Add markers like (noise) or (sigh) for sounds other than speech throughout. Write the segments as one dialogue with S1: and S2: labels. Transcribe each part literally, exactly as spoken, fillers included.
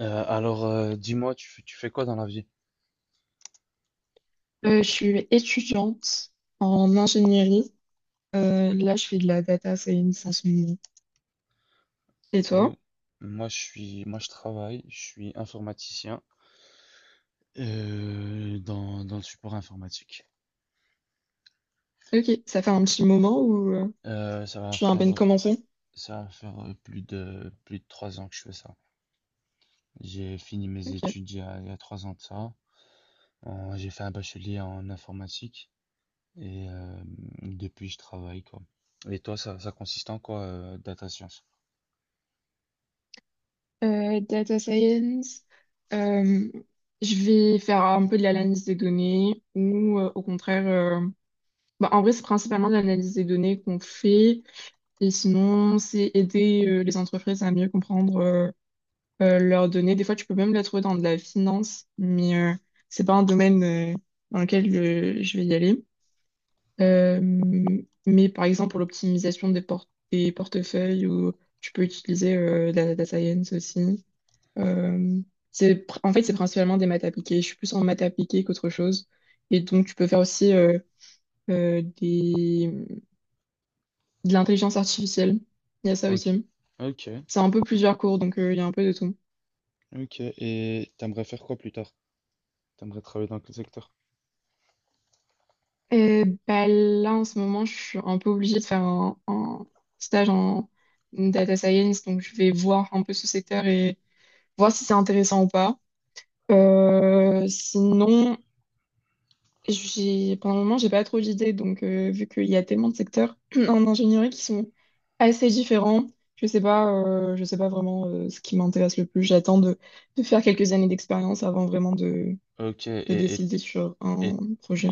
S1: Euh, alors, euh, dis-moi, tu, fais- tu fais quoi dans la vie?
S2: Euh, je suis étudiante en ingénierie. Euh, là, je fais de la data science en ce moment. Et
S1: Euh,
S2: toi?
S1: Moi, je suis, moi, je travaille, je suis informaticien euh, dans, dans le support informatique.
S2: Ok, ça fait un petit moment où euh,
S1: Euh, ça va
S2: tu viens à
S1: faire,
S2: peine commencer?
S1: Ça va faire euh, plus de plus de trois ans que je fais ça. J'ai fini mes
S2: Ok.
S1: études il y a, il y a trois ans de ça. En- J'ai fait un bachelier en informatique et euh, depuis, je travaille quoi. Et toi, ça, ça consiste en quoi, euh, data science?
S2: Euh, data science, euh, je vais faire un peu de l'analyse des données ou euh, au contraire, euh, bah, en vrai, c'est principalement de l'analyse des données qu'on fait et sinon, c'est aider euh, les entreprises à mieux comprendre euh, euh, leur donner. Des fois, tu peux même la trouver dans de la finance, mais euh, c'est pas un domaine euh, dans lequel euh, je vais y aller. Euh, mais par exemple, pour l'optimisation des, por- des portefeuilles, ou tu peux utiliser euh, la data science aussi. Euh, c'est, pr- En fait, c'est principalement des maths appliquées. Je suis plus en maths appliquées qu'autre chose. Et donc, tu peux faire aussi euh, euh, des... de l'intelligence artificielle. Il y a ça
S1: Ok,
S2: aussi.
S1: ok,
S2: C'est un peu plusieurs cours, donc euh, il y a un peu de tout.
S1: ok. Et t'aimerais faire quoi plus tard? T'aimerais travailler dans quel secteur?
S2: Euh, bah là, en ce moment, je suis un peu obligée de faire un, un stage en data science, donc je vais voir un peu ce secteur et voir si c'est intéressant ou pas. Euh, sinon, j'ai, pendant le moment, j'ai pas trop d'idées, donc euh, vu qu'il y a tellement de secteurs (clears throat) en ingénierie qui sont assez différents, je sais pas, euh, je sais pas vraiment euh, ce qui m'intéresse le plus. J'attends de, de faire quelques années d'expérience avant vraiment de,
S1: Ok,
S2: de
S1: et, et,
S2: décider sur un
S1: et,
S2: projet.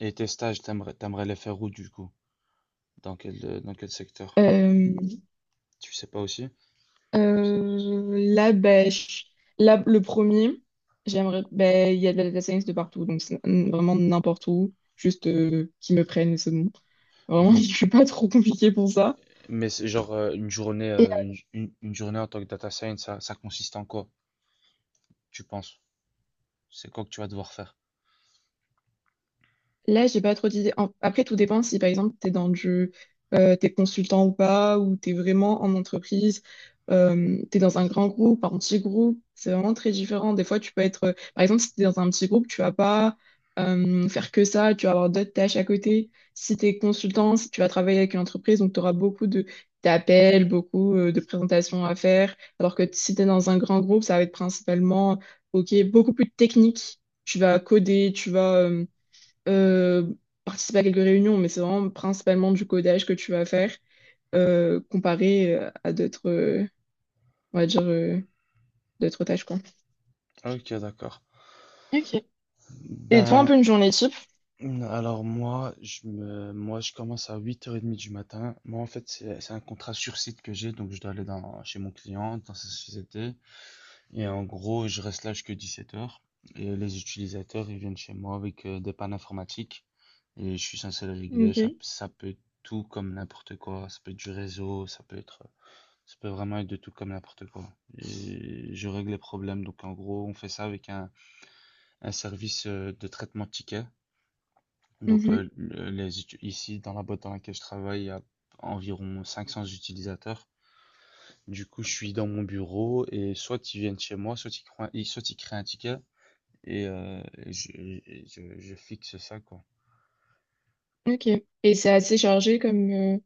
S1: et tes stages, t'aimerais, t'aimerais les faire où du coup? Dans quel, euh, dans quel secteur?
S2: Euh,
S1: Tu sais pas aussi?
S2: Euh, là, ben, je- là, le premier, j'aimerais, ben, il y a de la data science de partout, donc c'est n- vraiment n'importe où, juste euh, qu'ils me prennent et c'est bon. Vraiment, (laughs) je
S1: Donc,
S2: suis pas trop compliquée pour ça.
S1: mais c'est genre euh, une journée, euh, une, une- une journée en tant que data science, ça, ça consiste en quoi, tu penses? C'est quoi que tu vas devoir faire?
S2: Là, j'ai pas trop d'idées. En- Après, tout dépend si, par exemple, t'es dans du... euh, t'es consultant ou pas, ou t'es vraiment en entreprise, euh, t'es dans un grand groupe, enfin, un petit groupe. C'est vraiment très différent. Des fois, tu peux être... euh, par exemple, si t'es dans un petit groupe, tu vas pas euh, faire que ça. Tu vas avoir d'autres tâches à côté. Si t'es consultant, si tu vas travailler avec une entreprise, donc t'auras beaucoup de... d'appels, beaucoup euh, de présentations à faire. Alors que si t'es dans un grand groupe, ça va être principalement, OK, beaucoup plus technique. Tu vas coder, tu vas... euh, euh, participer à quelques réunions, mais c'est vraiment principalement du codage que tu vas faire euh, comparé euh, à d'autres, euh, on va dire, euh, d'autres tâches, quoi.
S1: Ok, d'accord.
S2: Ok. Et toi, un
S1: Ben,
S2: peu une journée type?
S1: alors moi, je me, moi, je commence à huit heures trente du matin. Moi, en fait, c'est c'est un contrat sur site que j'ai, donc je dois aller dans, chez mon client, dans sa société. Et en gros, je reste là jusqu'à dix-sept heures. Et les utilisateurs, ils viennent chez moi avec euh, des pannes informatiques. Et je suis censé le régler. Ça,
S2: Ok.
S1: ça peut être tout comme n'importe quoi. Ça peut être du réseau, ça peut être, ça peut vraiment être de tout comme n'importe quoi. Et je règle les problèmes. Donc en gros, on fait ça avec un, un service euh, de traitement de tickets. Donc
S2: Mhm.
S1: euh, les, Ici, dans la boîte dans laquelle je travaille, il y a environ cinq cents utilisateurs. Du coup, je suis dans mon bureau et soit ils viennent chez moi, soit ils- soit ils créent un ticket, et, euh, et je, et je- je fixe ça, quoi.
S2: Ok. Et c'est assez chargé comme euh,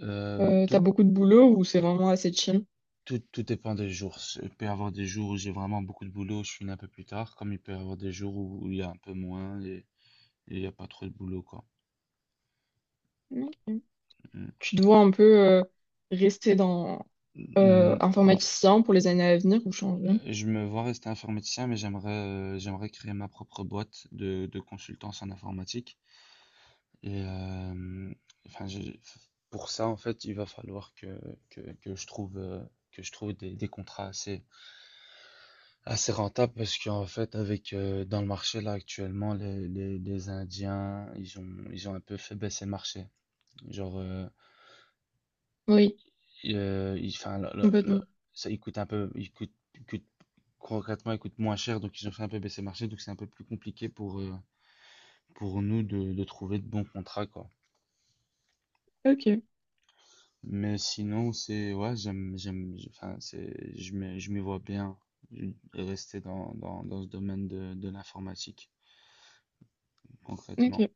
S1: Euh,
S2: euh, t'as
S1: tout,
S2: beaucoup de boulot ou c'est vraiment assez chill?
S1: tout, Tout dépend des jours. Il peut y avoir des jours où j'ai vraiment beaucoup de boulot, je finis un peu plus tard, comme il peut y avoir des jours où, où il y a un peu moins et et il n'y a pas trop de boulot, quoi.
S2: Ok.
S1: Mm.
S2: Tu dois un peu euh, rester dans euh,
S1: Mm, mm.
S2: informaticien pour les années à venir ou changer?
S1: Euh, Je me vois rester informaticien, mais j'aimerais euh, j'aimerais créer ma propre boîte de, de consultance en informatique. Et euh, enfin, j'ai- pour ça, en fait, il va falloir que, que, que je trouve, euh, que je trouve des, des contrats assez, Assez rentable parce qu'en fait, avec euh, dans le marché là actuellement, les, les, les Indiens, ils ont, ils ont un peu fait baisser le marché. Genre, euh,
S2: Oui,
S1: ils, euh, ils- 'fin, le- le- le-
S2: complètement.
S1: ça, il coûte un peu, il coûte, il coûte concrètement, il coûte moins cher, donc ils ont fait un peu baisser le marché, donc c'est un peu plus compliqué pour, euh, pour nous de, de trouver de bons contrats, quoi.
S2: Ok,
S1: Mais sinon, c'est, ouais, j'aime, j'aime, enfin, c'est, je me je m'y vois bien euh, rester dans, dans, dans ce domaine de, de l'informatique, concrètement.
S2: ok.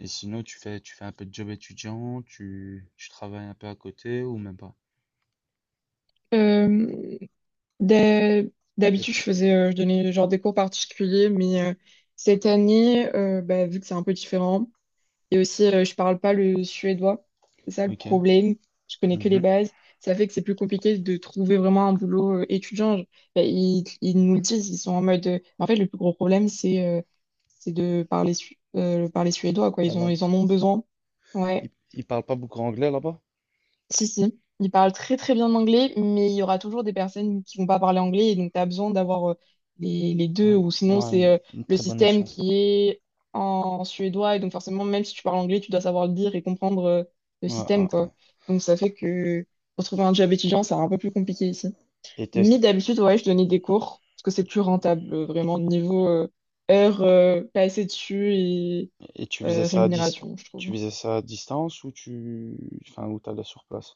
S1: Et sinon, tu fais, tu fais un peu de job étudiant, tu, tu travailles un peu à côté ou même pas?
S2: Euh, d'ha-
S1: Les
S2: D'habitude, je
S1: petits.
S2: faisais, euh, je donnais genre des cours particuliers, mais euh, cette année, euh, bah, vu que c'est un peu différent, et aussi, euh, je parle pas le suédois. C'est ça le
S1: Ok.
S2: problème. Je connais que les
S1: Mhm.
S2: bases. Ça fait que c'est plus compliqué de trouver vraiment un boulot euh, étudiant. Je- ben, ils, ils nous le disent, ils sont en mode. Euh, En fait, le plus gros problème, c'est euh, c'est de parler, su- euh, parler suédois, quoi.
S1: La
S2: Ils ont,
S1: langue.
S2: ils en ont besoin. Ouais.
S1: Ils, ils parlent pas beaucoup anglais là-bas?
S2: Si, si, ils parlent très très bien anglais, mais il y aura toujours des personnes qui vont pas parler anglais, et donc tu as besoin d'avoir euh, les, les deux,
S1: Ah,
S2: ou sinon
S1: ouais,
S2: c'est
S1: une,
S2: euh,
S1: une
S2: le
S1: très bonne
S2: système
S1: notion.
S2: qui est en suédois, et donc forcément, même si tu parles anglais, tu dois savoir le dire et comprendre euh, le
S1: Ouais,
S2: système,
S1: ouais,
S2: quoi.
S1: ouais.
S2: Donc ça fait que pour trouver un job étudiant, c'est un peu plus compliqué ici.
S1: Et, t'es-
S2: Mais d'habitude, ouais, je donnais des cours, parce que c'est plus
S1: tu,
S2: rentable, euh, vraiment, niveau euh, heures euh, passées dessus et
S1: et tu faisais
S2: euh,
S1: ça à dis-
S2: rémunération, je
S1: tu
S2: trouve.
S1: faisais ça à distance ou tu, enfin, ou t'allais sur place?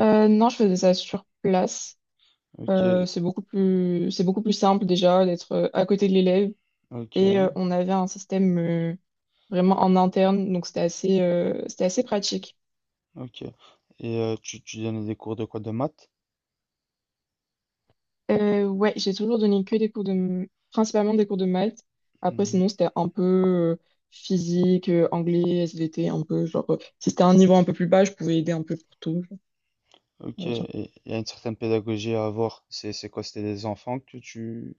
S2: Euh, non, je
S1: C'est-
S2: faisais ça sur place. Euh,
S1: Ok,
S2: c'est beaucoup plus, c'est beaucoup plus simple déjà d'être euh, à côté de l'élève.
S1: ok,
S2: Et euh, on avait un système euh, vraiment en interne, donc c'était assez, euh, c'était assez pratique.
S1: ok. Et euh, tu, tu donnais des cours de quoi? De maths?
S2: Euh, ouais, j'ai toujours donné que des cours de, m- principalement des cours de maths. Après,
S1: Mhm.
S2: sinon, c'était un peu euh, physique, euh, anglais, S V T, un peu genre, euh, si c'était un niveau un peu plus bas, je pouvais aider un peu pour tout.
S1: Ok, et il y a une certaine pédagogie à avoir. C'est, c'est quoi? C'était des enfants que tu,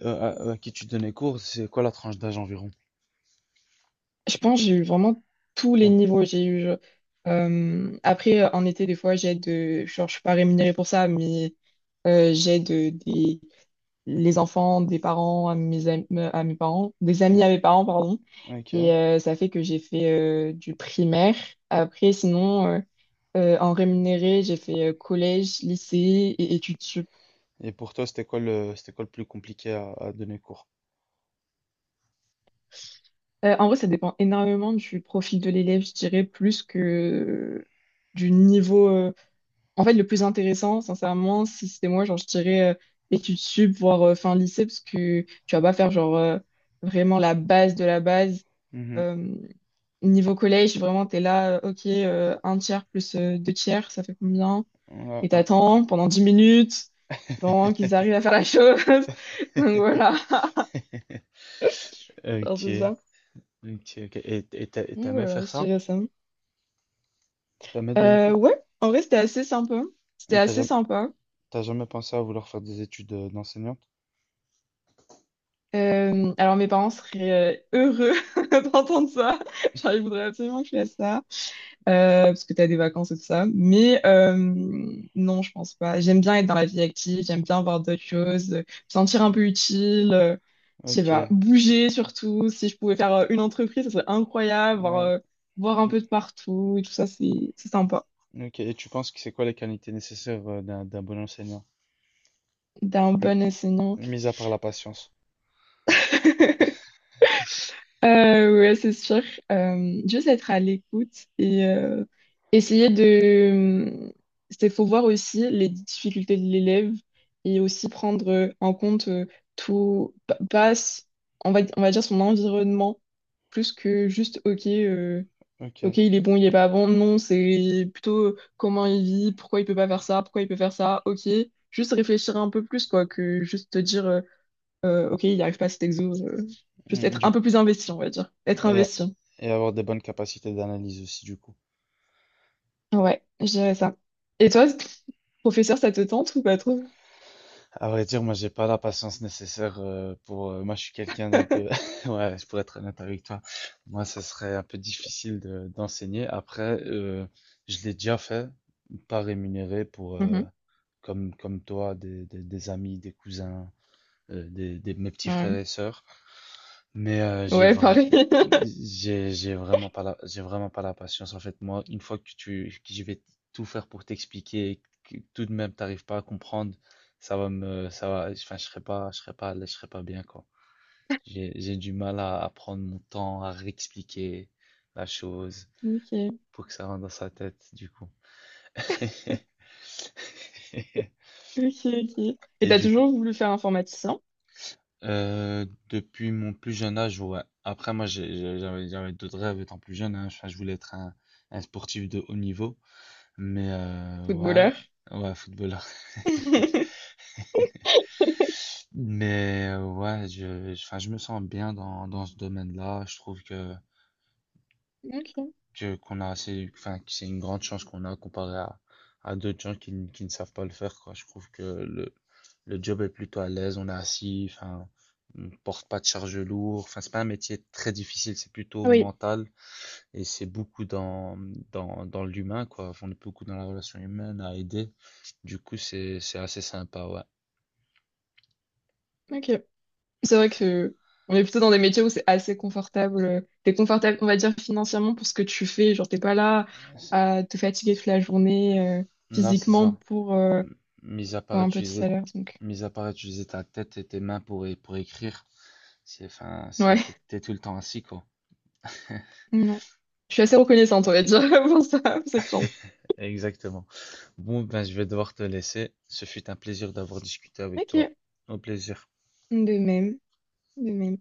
S1: euh, à, à qui tu donnais cours, c'est quoi la tranche d'âge environ?
S2: Je pense que j'ai eu vraiment tous les
S1: Ah,
S2: niveaux. J'ai eu euh, euh, Après euh, en été des fois j'aide euh, genre je suis pas rémunérée pour ça mais euh, j'aide euh, des les enfants des parents à mes am- euh, à mes parents des amis à mes parents pardon
S1: ah,
S2: et
S1: ok.
S2: euh, ça fait que j'ai fait euh, du primaire. Après sinon euh, euh, en rémunéré j'ai fait euh, collège lycée et études sup.
S1: Et pour toi, c'était quoi le, c'était quoi le plus compliqué à, à donner cours?
S2: Euh, en vrai ça dépend énormément du profil de l'élève je dirais plus que du niveau. euh, En fait, le plus intéressant, sincèrement, si c'était moi, genre, je dirais euh, études sup, voire euh, fin lycée, parce que tu vas pas faire, genre, euh, vraiment la base de la base.
S1: Mhm.
S2: Euh, Niveau collège, vraiment, t'es là, euh, ok, euh, un tiers plus euh, deux tiers, ça fait combien?
S1: Ouais,
S2: Et
S1: ouais,
S2: t'attends pendant dix minutes, vraiment, qu'ils arrivent à faire la chose. (laughs) Donc voilà,
S1: ouais.
S2: genre,
S1: Ok,
S2: c'est ça.
S1: ok, ok. Et et t'a- et
S2: Donc
S1: t'aimais
S2: voilà,
S1: faire
S2: je
S1: ça?
S2: dirais ça.
S1: T'as aimé donner
S2: Euh,
S1: cours?
S2: ouais, en vrai, c'était assez sympa. C'était
S1: Et T'as
S2: assez
S1: jamais,
S2: sympa.
S1: t'as jamais pensé à vouloir faire des études euh, d'enseignante?
S2: Euh, alors mes parents seraient euh, heureux (laughs) d'entendre ça. Genre, ils voudraient absolument que je fasse ça. Euh, parce que tu as des vacances et tout ça. Mais euh, non, je pense pas. J'aime bien être dans la vie active, j'aime bien voir d'autres choses, euh, me sentir un peu utile, euh, je sais pas,
S1: Ok.
S2: bouger surtout. Si je pouvais faire euh, une entreprise, ça serait incroyable, voir,
S1: Ouais,
S2: euh, voir un
S1: mm,
S2: peu de partout et tout ça, c'est c'est sympa.
S1: ok. Et tu penses que c'est quoi les qualités nécessaires euh, d'un d'un bon enseignant?
S2: T'es un
S1: M-
S2: bon enseignant.
S1: Mis à part la patience.
S2: (laughs) Euh, ouais, c'est sûr. Euh, juste être à l'écoute et euh, essayer de... hum, c'est, faut voir aussi les difficultés de l'élève et aussi prendre euh, en compte euh, tout, pa- pas, s- on va, on va dire son environnement, plus que juste, ok, euh, ok,
S1: Ok.
S2: il est bon, il est pas bon. Non, c'est plutôt euh, comment il vit, pourquoi il peut pas faire ça, pourquoi il peut faire ça, ok. Juste réfléchir un peu plus, quoi, que juste te dire. Euh, euh, ok, il n'y arrive pas à cet exo. Euh, juste
S1: Mm.
S2: être
S1: Du,
S2: un peu plus investi, on va dire. Être
S1: et,
S2: investi.
S1: et avoir des bonnes capacités d'analyse aussi, du coup.
S2: Ouais, je dirais ça. Et toi, professeur, ça te tente ou pas trop?
S1: À vrai dire, moi, j'ai pas la patience nécessaire euh, pour. Euh, moi, je suis quelqu'un d'un peu. (laughs) Ouais, je pourrais être honnête avec toi. Moi, ça serait un peu difficile de- d'enseigner. Après, euh, je l'ai déjà fait, pas rémunéré pour, euh,
S2: Mhm.
S1: comme comme toi, des, des, des amis, des cousins, euh, des, des mes petits frères
S2: Ouais.
S1: et sœurs. Mais euh, j'ai
S2: Ouais,
S1: vra-
S2: pareil. (laughs)
S1: j'ai j'ai vraiment pas la j'ai vraiment pas la patience en fait. Moi, une fois que tu que je vais tout faire pour t'expliquer et que tout de même t'arrives pas à comprendre, ça va me ça va enfin je serai pas je serai pas à l'aise, je serai pas bien quoi. J'ai j'ai du mal à, à prendre mon temps à réexpliquer la chose
S2: Ok,
S1: pour que ça rentre dans sa tête du coup. (laughs)
S2: ok, ok. Et
S1: et
S2: t'as
S1: du
S2: toujours voulu faire informaticien,
S1: Euh, depuis mon plus jeune âge, ouais. Après, moi, j'ai- j'ai- j'avais j'avais d'autres rêves étant plus jeune, hein. Enfin, je voulais être un, un sportif de haut niveau. Mais euh, ouais,
S2: footballeur?
S1: ouais, footballeur.
S2: (laughs)
S1: (laughs) Mais euh, ouais, je, je- enfin, je me sens bien dans, dans ce domaine-là. Je trouve que
S2: Ok.
S1: que- qu'on a assez, enfin, que c'est une grande chance qu'on a comparé à, à d'autres gens qui, qui ne savent pas le faire, quoi. Je trouve que le, le job est plutôt à l'aise, on est assis, enfin, on porte pas de charge lourde. Enfin, c'est pas un métier très difficile, c'est plutôt
S2: Ah oui,
S1: mental et c'est beaucoup dans, dans, dans l'humain, quoi. Enfin, on est beaucoup dans la relation humaine à aider. Du coup, c'est, c'est assez sympa, ouais.
S2: ok. C'est vrai que on est plutôt dans des métiers où c'est assez confortable. T'es confortable, on va dire, financièrement pour ce que tu fais. Genre, t'es pas là à te fatiguer toute la journée euh,
S1: Non, c'est
S2: physiquement
S1: ça.
S2: pour euh,
S1: Mis à
S2: pour
S1: part
S2: un petit
S1: utiliser,
S2: salaire, donc.
S1: Mis à part utiliser ta tête et tes mains pour, pour écrire. C'est, enfin, c'est, t'es,
S2: Ouais,
S1: t'es tout le temps ainsi, quoi.
S2: non. Je suis assez reconnaissante, on va dire, (laughs) pour ça, pour cette chance.
S1: Exactement. Bon, ben, je vais devoir te laisser. Ce fut un plaisir d'avoir discuté avec toi.
S2: Ok.
S1: Au plaisir.
S2: De même, de même.